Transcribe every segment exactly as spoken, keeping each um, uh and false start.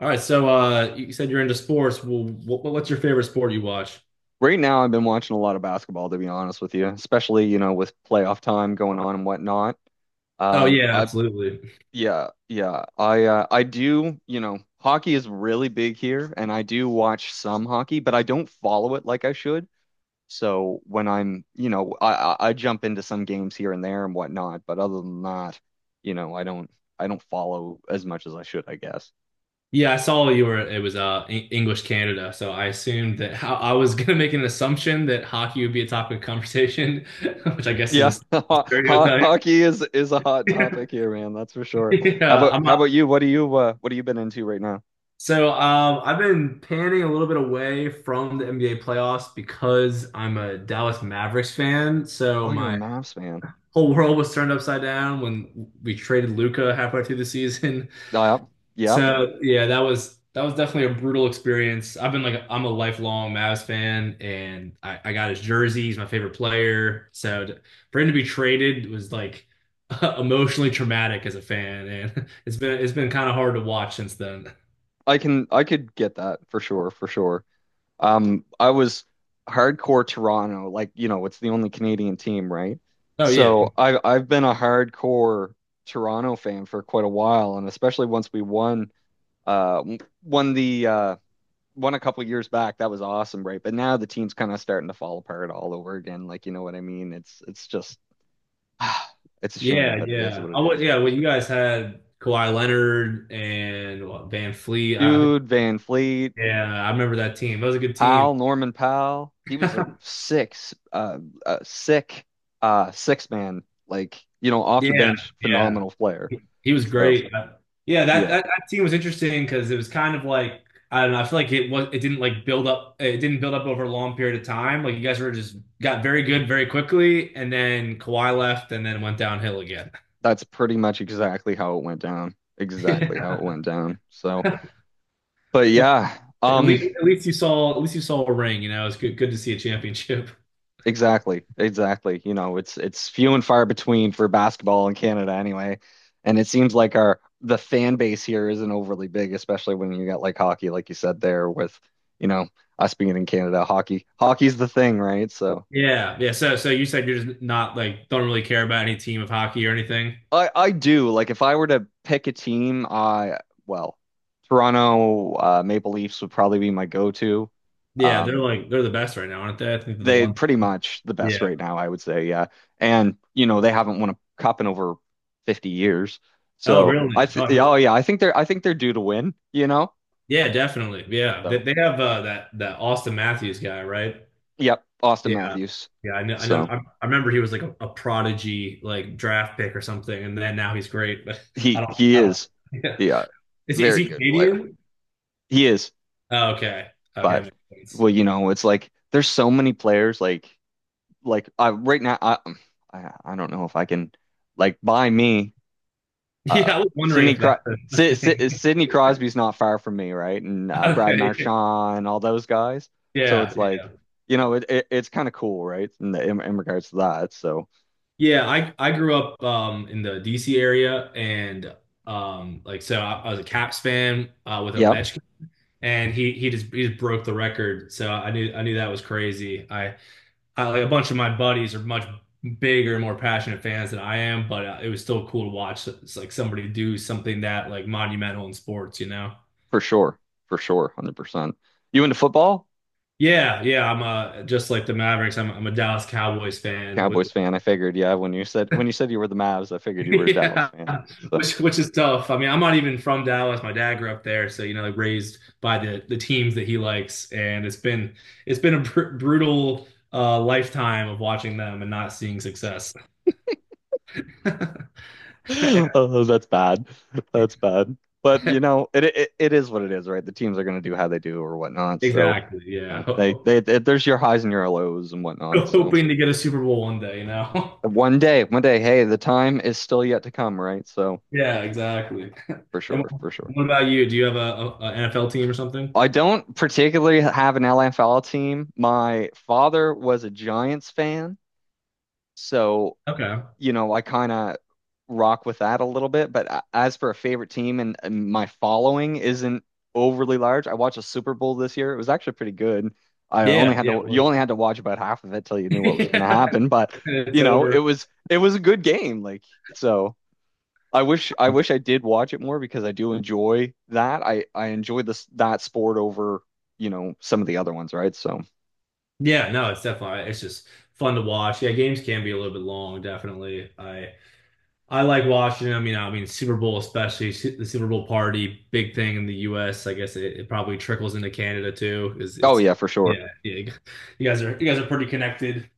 All right, so uh, you said you're into sports. Well, what, what's your favorite sport you watch? Right now, I've been watching a lot of basketball, to be honest with you, especially, you know, with playoff time going on and whatnot. Oh Um, yeah, I, absolutely. yeah, yeah, I, uh, I do, you know, hockey is really big here, and I do watch some hockey, but I don't follow it like I should. So when I'm, you know, I, I I jump into some games here and there and whatnot, but other than that, you know, I don't, I don't follow as much as I should, I guess. Yeah, I saw you were. It was uh Eng- English Canada, so I assumed that how I was gonna make an assumption that hockey would be a topic of conversation, which I guess Yeah, is a ho ho- stereotype. hockey is is a hot topic here, man. That's for sure. How Yeah, about I'm how about not. you? What do you uh what have you been into right now? So um, I've been panning a little bit away from the N B A playoffs because I'm a Dallas Mavericks fan. So Oh, you're a my Mavs fan. whole world was turned upside down when we traded Luca halfway through the season. Yeah, yeah. So yeah, that was that was definitely a brutal experience. I've been like I'm a lifelong Mavs fan, and I, I got his jersey. He's my favorite player. So to, for him to be traded was like emotionally traumatic as a fan, and it's been it's been kind of hard to watch since then. I can I could get that for sure, for sure. Um, I was hardcore Toronto, like you know, it's the only Canadian team, right? Oh yeah, So I I've been a hardcore Toronto fan for quite a while, and especially once we won uh won the uh won a couple years back. That was awesome, right? But now the team's kind of starting to fall apart all over again. Like, you know what I mean? It's it's just it's a shame, yeah, but it is yeah. what I it would, is, yeah. right? Well, you guys had Kawhi Leonard and what, Van Fleet. I, Dude, Van Fleet, Yeah, I remember that team. That was a good team. Powell, Norman Powell. He was a six, uh, a sick, uh, six man. Like, you know, off the Yeah, bench, yeah. phenomenal player. He he was So great. Uh, Yeah, that, yeah, that, that team was interesting because it was kind of like I don't know. I feel like it was it didn't like build up. It didn't build up over a long period of time. Like you guys were just got very good very quickly, and then Kawhi left, and then went downhill again. that's pretty much exactly how it went down. Exactly how Yeah. it went down. So, but Well, yeah, at um, least at least you saw at least you saw a ring. You know, it's good good to see a championship. exactly, exactly. You know, it's it's few and far between for basketball in Canada anyway. And it seems like our the fan base here isn't overly big, especially when you got like hockey, like you said there with, you know, us being in Canada, hockey hockey's the thing, right? So Yeah, yeah. So so you said you're just not like don't really care about any team of hockey or anything. I I do like if I were to pick a team, I well, Toronto uh, Maple Leafs would probably be my go-to. Yeah, they're Um, like they're the best right now, aren't they? I think they're the They one. pretty much the best Yeah. right now, I would say. Yeah. And, you know, they haven't won a cup in over fifty years. Oh, So I really? th Oh, yeah, oh yeah, I think they're I think they're due to win, you know? yeah, definitely. Yeah, they, So they have uh, that that Austin Matthews guy, right? yep, Austin Yeah, Matthews. yeah. I know. I know. So I, I remember he was like a, a prodigy, like draft pick or something, and then now he's great. But I he don't. he I don't. is Yeah. the uh, Is he is very he good player. Canadian? He is, Oh, okay. Okay, but that makes sense. well, you know, it's like there's so many players like like I right now I I I don't know if I can like by me. Yeah, I Um, was wondering Sidney if Cro that's a Sid thing. Sid Sidney Crosby's not far from me, right? And uh, Brad Okay. Marchand, all those guys. So Yeah. it's like, you know, it, it it's kind of cool, right? In, the, in in regards to that. So Yeah, I I grew up um in the D C area and um like so I, I was a Caps fan uh with yeah, Ovechkin and he he just he just broke the record. So I knew I knew that was crazy. I, I like a bunch of my buddies are much bigger, more passionate fans than I am, but uh, it was still cool to watch. It's like somebody do something that like monumental in sports, you know? for sure, for sure, one hundred percent. You into football? Yeah, yeah. I'm a just like the Mavericks. I'm I'm a Dallas Cowboys fan with Cowboys fan, I figured. Yeah, when you said when you said you were the Mavs, I figured you were a Dallas yeah, fan. So which which is tough. I mean, I'm not even from Dallas. My dad grew up there, so you know, like raised by the the teams that he likes, and it's been it's been a br brutal uh, lifetime of watching them and not seeing success. oh, that's bad. That's bad. But you know, it it, it is what it is, right? The teams are going to do how they do or whatnot. So, Exactly. you Yeah, know, Ho- they, ho- they they there's your highs and your lows and whatnot. So hoping to get a Super Bowl one day, you know. one day, one day, hey, the time is still yet to come, right? So Yeah, exactly. for And sure, for sure. what about you? Do you have a N F L team or something? I don't particularly have an L F L team. My father was a Giants fan, so Okay. you know, I kind of rock with that a little bit. But as for a favorite team and, and my following isn't overly large. I watched a Super Bowl this year. It was actually pretty good. I only Yeah, had yeah, to it You was. only had to watch about half of it till you knew what was going to Yeah, happen. But it's you know, it over. was it was a good game. Like so, I wish I wish I did watch it more because I do enjoy that. I I enjoy this that sport over you know some of the other ones, right? So, Yeah, no, it's definitely it's just fun to watch. Yeah, games can be a little bit long, definitely. I I like watching them, you know, I mean Super Bowl especially, su- the Super Bowl party, big thing in the U S. I guess it, it probably trickles into Canada too. Is oh it's yeah, for sure. yeah, yeah. You guys are you guys are pretty connected.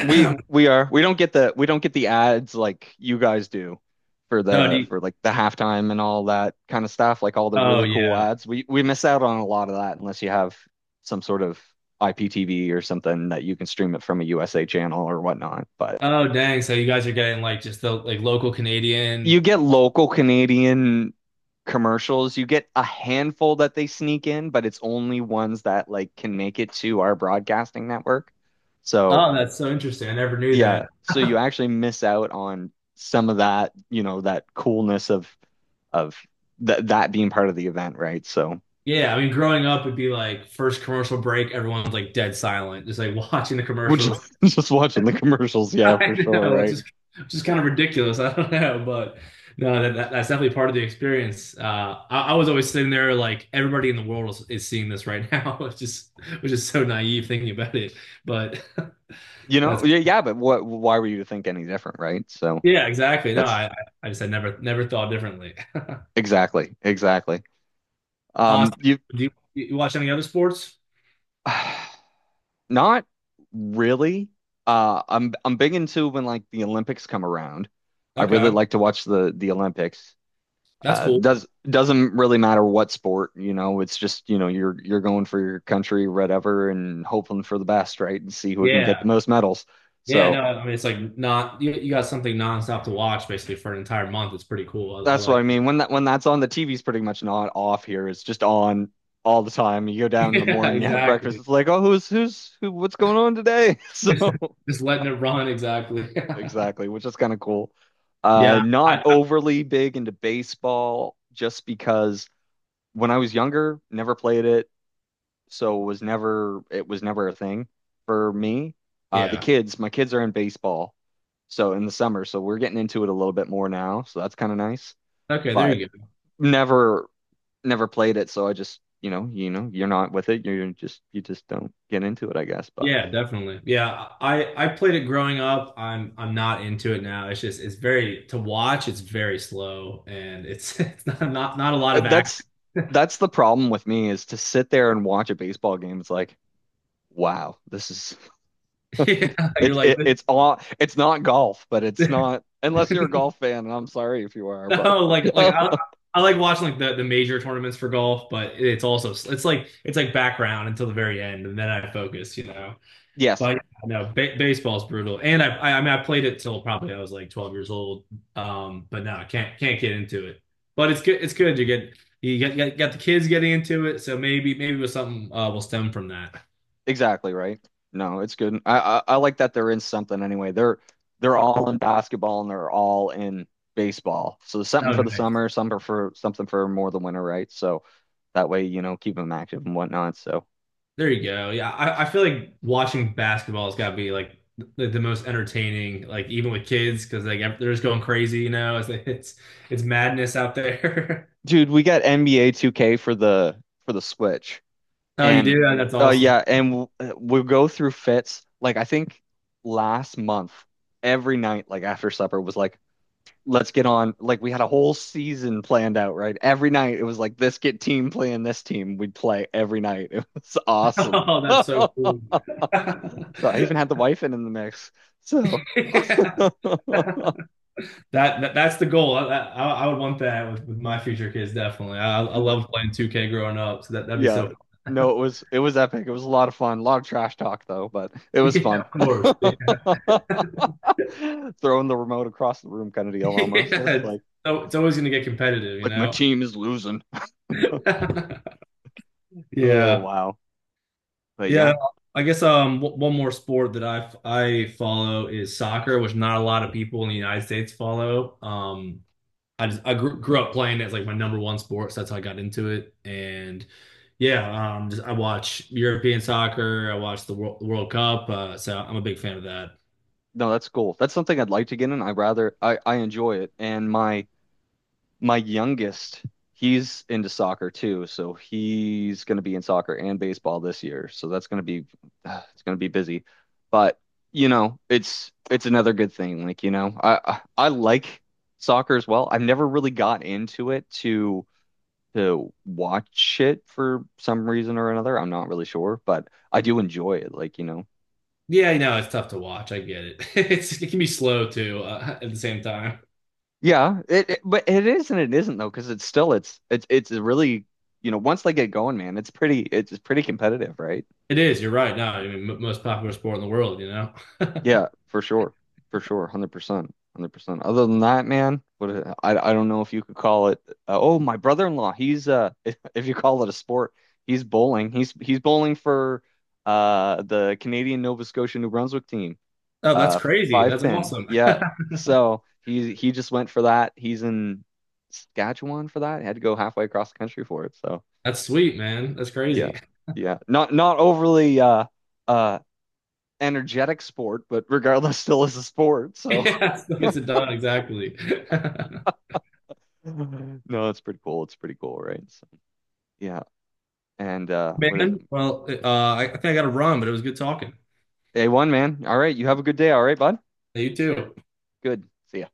We we are. We don't get the we don't get the ads like you guys do for Oh, do the you, for like the halftime and all that kind of stuff, like all the oh really cool yeah. ads. We we miss out on a lot of that unless you have some sort of I P T V or something that you can stream it from a U S A channel or whatnot. But Oh dang, so you guys are getting like just the like local you Canadian. get local Canadian commercials. You get a handful that they sneak in, but it's only ones that like can make it to our broadcasting network. So Oh, that's so interesting. I never knew yeah, that. so you actually miss out on some of that, you know, that coolness of of that that being part of the event, right? So, Yeah, I mean, growing up would be like first commercial break, everyone's like dead silent, just like watching the which commercials. just watching the commercials, yeah, I for sure, know it's right? just it's just kind of ridiculous. I don't know, but no, that, that- that's definitely part of the experience. Uh, I, I was always sitting there like everybody in the world is, is seeing this right now. It's just, which is so naive thinking about it. But You that's know, yeah, yeah, but what why were you to think any different, right? So, yeah, exactly. No, that's I I just had never never thought differently. exactly, exactly. Uh, so Um, you do you, you watch any other sports? not really. Uh, I'm I'm big into when like the Olympics come around. I really Okay, like to watch the the Olympics. that's uh, cool. does doesn't really matter what sport, you know. It's just you know you're you're going for your country, whatever, and hoping for the best, right? And see who can get the Yeah. most medals. Yeah, no, So I mean it's like not you, you got something nonstop to watch basically for an entire month. It's pretty cool. I, I that's what like I it. mean. When that when that's on, the T V's pretty much not off here. It's just on all the time. You go down in the Yeah, morning, you have breakfast. exactly. It's like, oh, who's who's who? What's going on today? Just, So just letting it run, exactly. exactly, which is kind of cool. Uh, Yeah, I, Not I- overly big into baseball, just because when I was younger, never played it. So it was never it was never a thing for me. Uh, the yeah. kids, my kids are in baseball, so in the summer, so we're getting into it a little bit more now, so that's kind of nice. Okay, there But you go. never never played it, so I just you know you know you're not with it, you're just you just don't get into it, I guess. But Yeah, definitely. Yeah, I I played it growing up. I'm I'm not into it now. It's just it's very to watch. It's very slow and it's it's not not, not a lot uh, of act. that's that's the problem with me is to sit there and watch a baseball game. It's like wow, this is Yeah, you're it, like it it's all, it's not golf, but it's not unless you're a golf fan, and I'm sorry if you are, but No, like like I I like watching like the, the major tournaments for golf, but it's also it's like it's like background until the very end, and then I focus, you know. yes. But yeah, no, ba- baseball's brutal, and I, I I mean I played it till probably I was like twelve years old, um, but no, I can't can't get into it. But it's good it's good you get you get, get got the kids getting into it, so maybe maybe it was something uh, will stem from that. Exactly right. No, it's good. I, I I like that they're in something anyway. They're they're all in basketball and they're all in baseball. So there's something Oh, for the nice. summer, something for for- something for more the winter, right? So that way, you know, keep them active and whatnot. So, There you go. Yeah, I, I feel like watching basketball has got to be like the, the most entertaining, like even with kids, because like they're just going crazy, you know. It's it's, it's madness out there. dude, we got N B A two K for the for the Switch, Oh, you and do? That's uh, awesome. yeah, and we'll, we'll go through fits. Like I think last month, every night, like after supper, was like, let's get on. Like we had a whole season planned out, right? Every night it was like this get team playing this team. We'd play every night. It was awesome. Oh, that's so so cool. I even had the wife in in the mix. So Yeah. That, that that's the goal. I, I I would want that with, with my future kids definitely. I I love playing two K growing up, so that that'd be yeah, so. no, it was it was epic. It was a lot of fun. A lot of trash talk though, but it was Yeah, fun. of course. Yeah. Throwing the remote across the room kind of deal almost. It's Yeah. like So it's always going to get competitive, you like my know. team is losing. Oh Yeah. wow. But yeah, Yeah, I guess um w- one more sport that I I follow is soccer, which not a lot of people in the United States follow. Um, I just I grew, grew up playing it as like my number one sport, so that's how I got into it. And yeah, um, just I watch European soccer, I watch the World, the World Cup, uh, so I'm a big fan of that. no, that's cool. That's something I'd like to get in. I rather I I enjoy it. And my my youngest, he's into soccer too, so he's going to be in soccer and baseball this year. So that's going to be uh, it's going to be busy. But, you know, it's it's another good thing. Like, you know, I I, I like soccer as well. I've never really got into it to to watch it for some reason or another. I'm not really sure, but I do enjoy it. Like, you know. Yeah, you know it's tough to watch. I get it. It's it can be slow too uh, at the same time. Yeah, it, it- but it is and it isn't though, because it's still it's it's it's a really you know once they get going, man, it's pretty it's it's pretty competitive, right? It is. You're right. No, I mean m most popular sport in the world. You know. Yeah, for sure, for sure, one hundred percent, one hundred percent. Other than that, man, what a- I I don't know if you could call it. Uh, oh, my brother-in-law, he's uh if, if you call it a sport, he's bowling. He's he's bowling for uh the Canadian Nova Scotia New Brunswick team. Oh, that's Uh, crazy. Five That's pin. awesome. Yeah. So he he just went for that. He's in Saskatchewan for that. Had to go halfway across the country for it. So That's sweet, man. That's yeah, crazy. yeah. Not not overly uh uh energetic sport, but regardless, still is a sport. So Yeah, still gets it done exactly. no, it's pretty cool. It's pretty cool, right? So yeah. And uh, what is it? Man, well, uh, I I think I got to run, but it was good talking. A one, man. All right. You have a good day. All right, bud. You too. Good. See ya.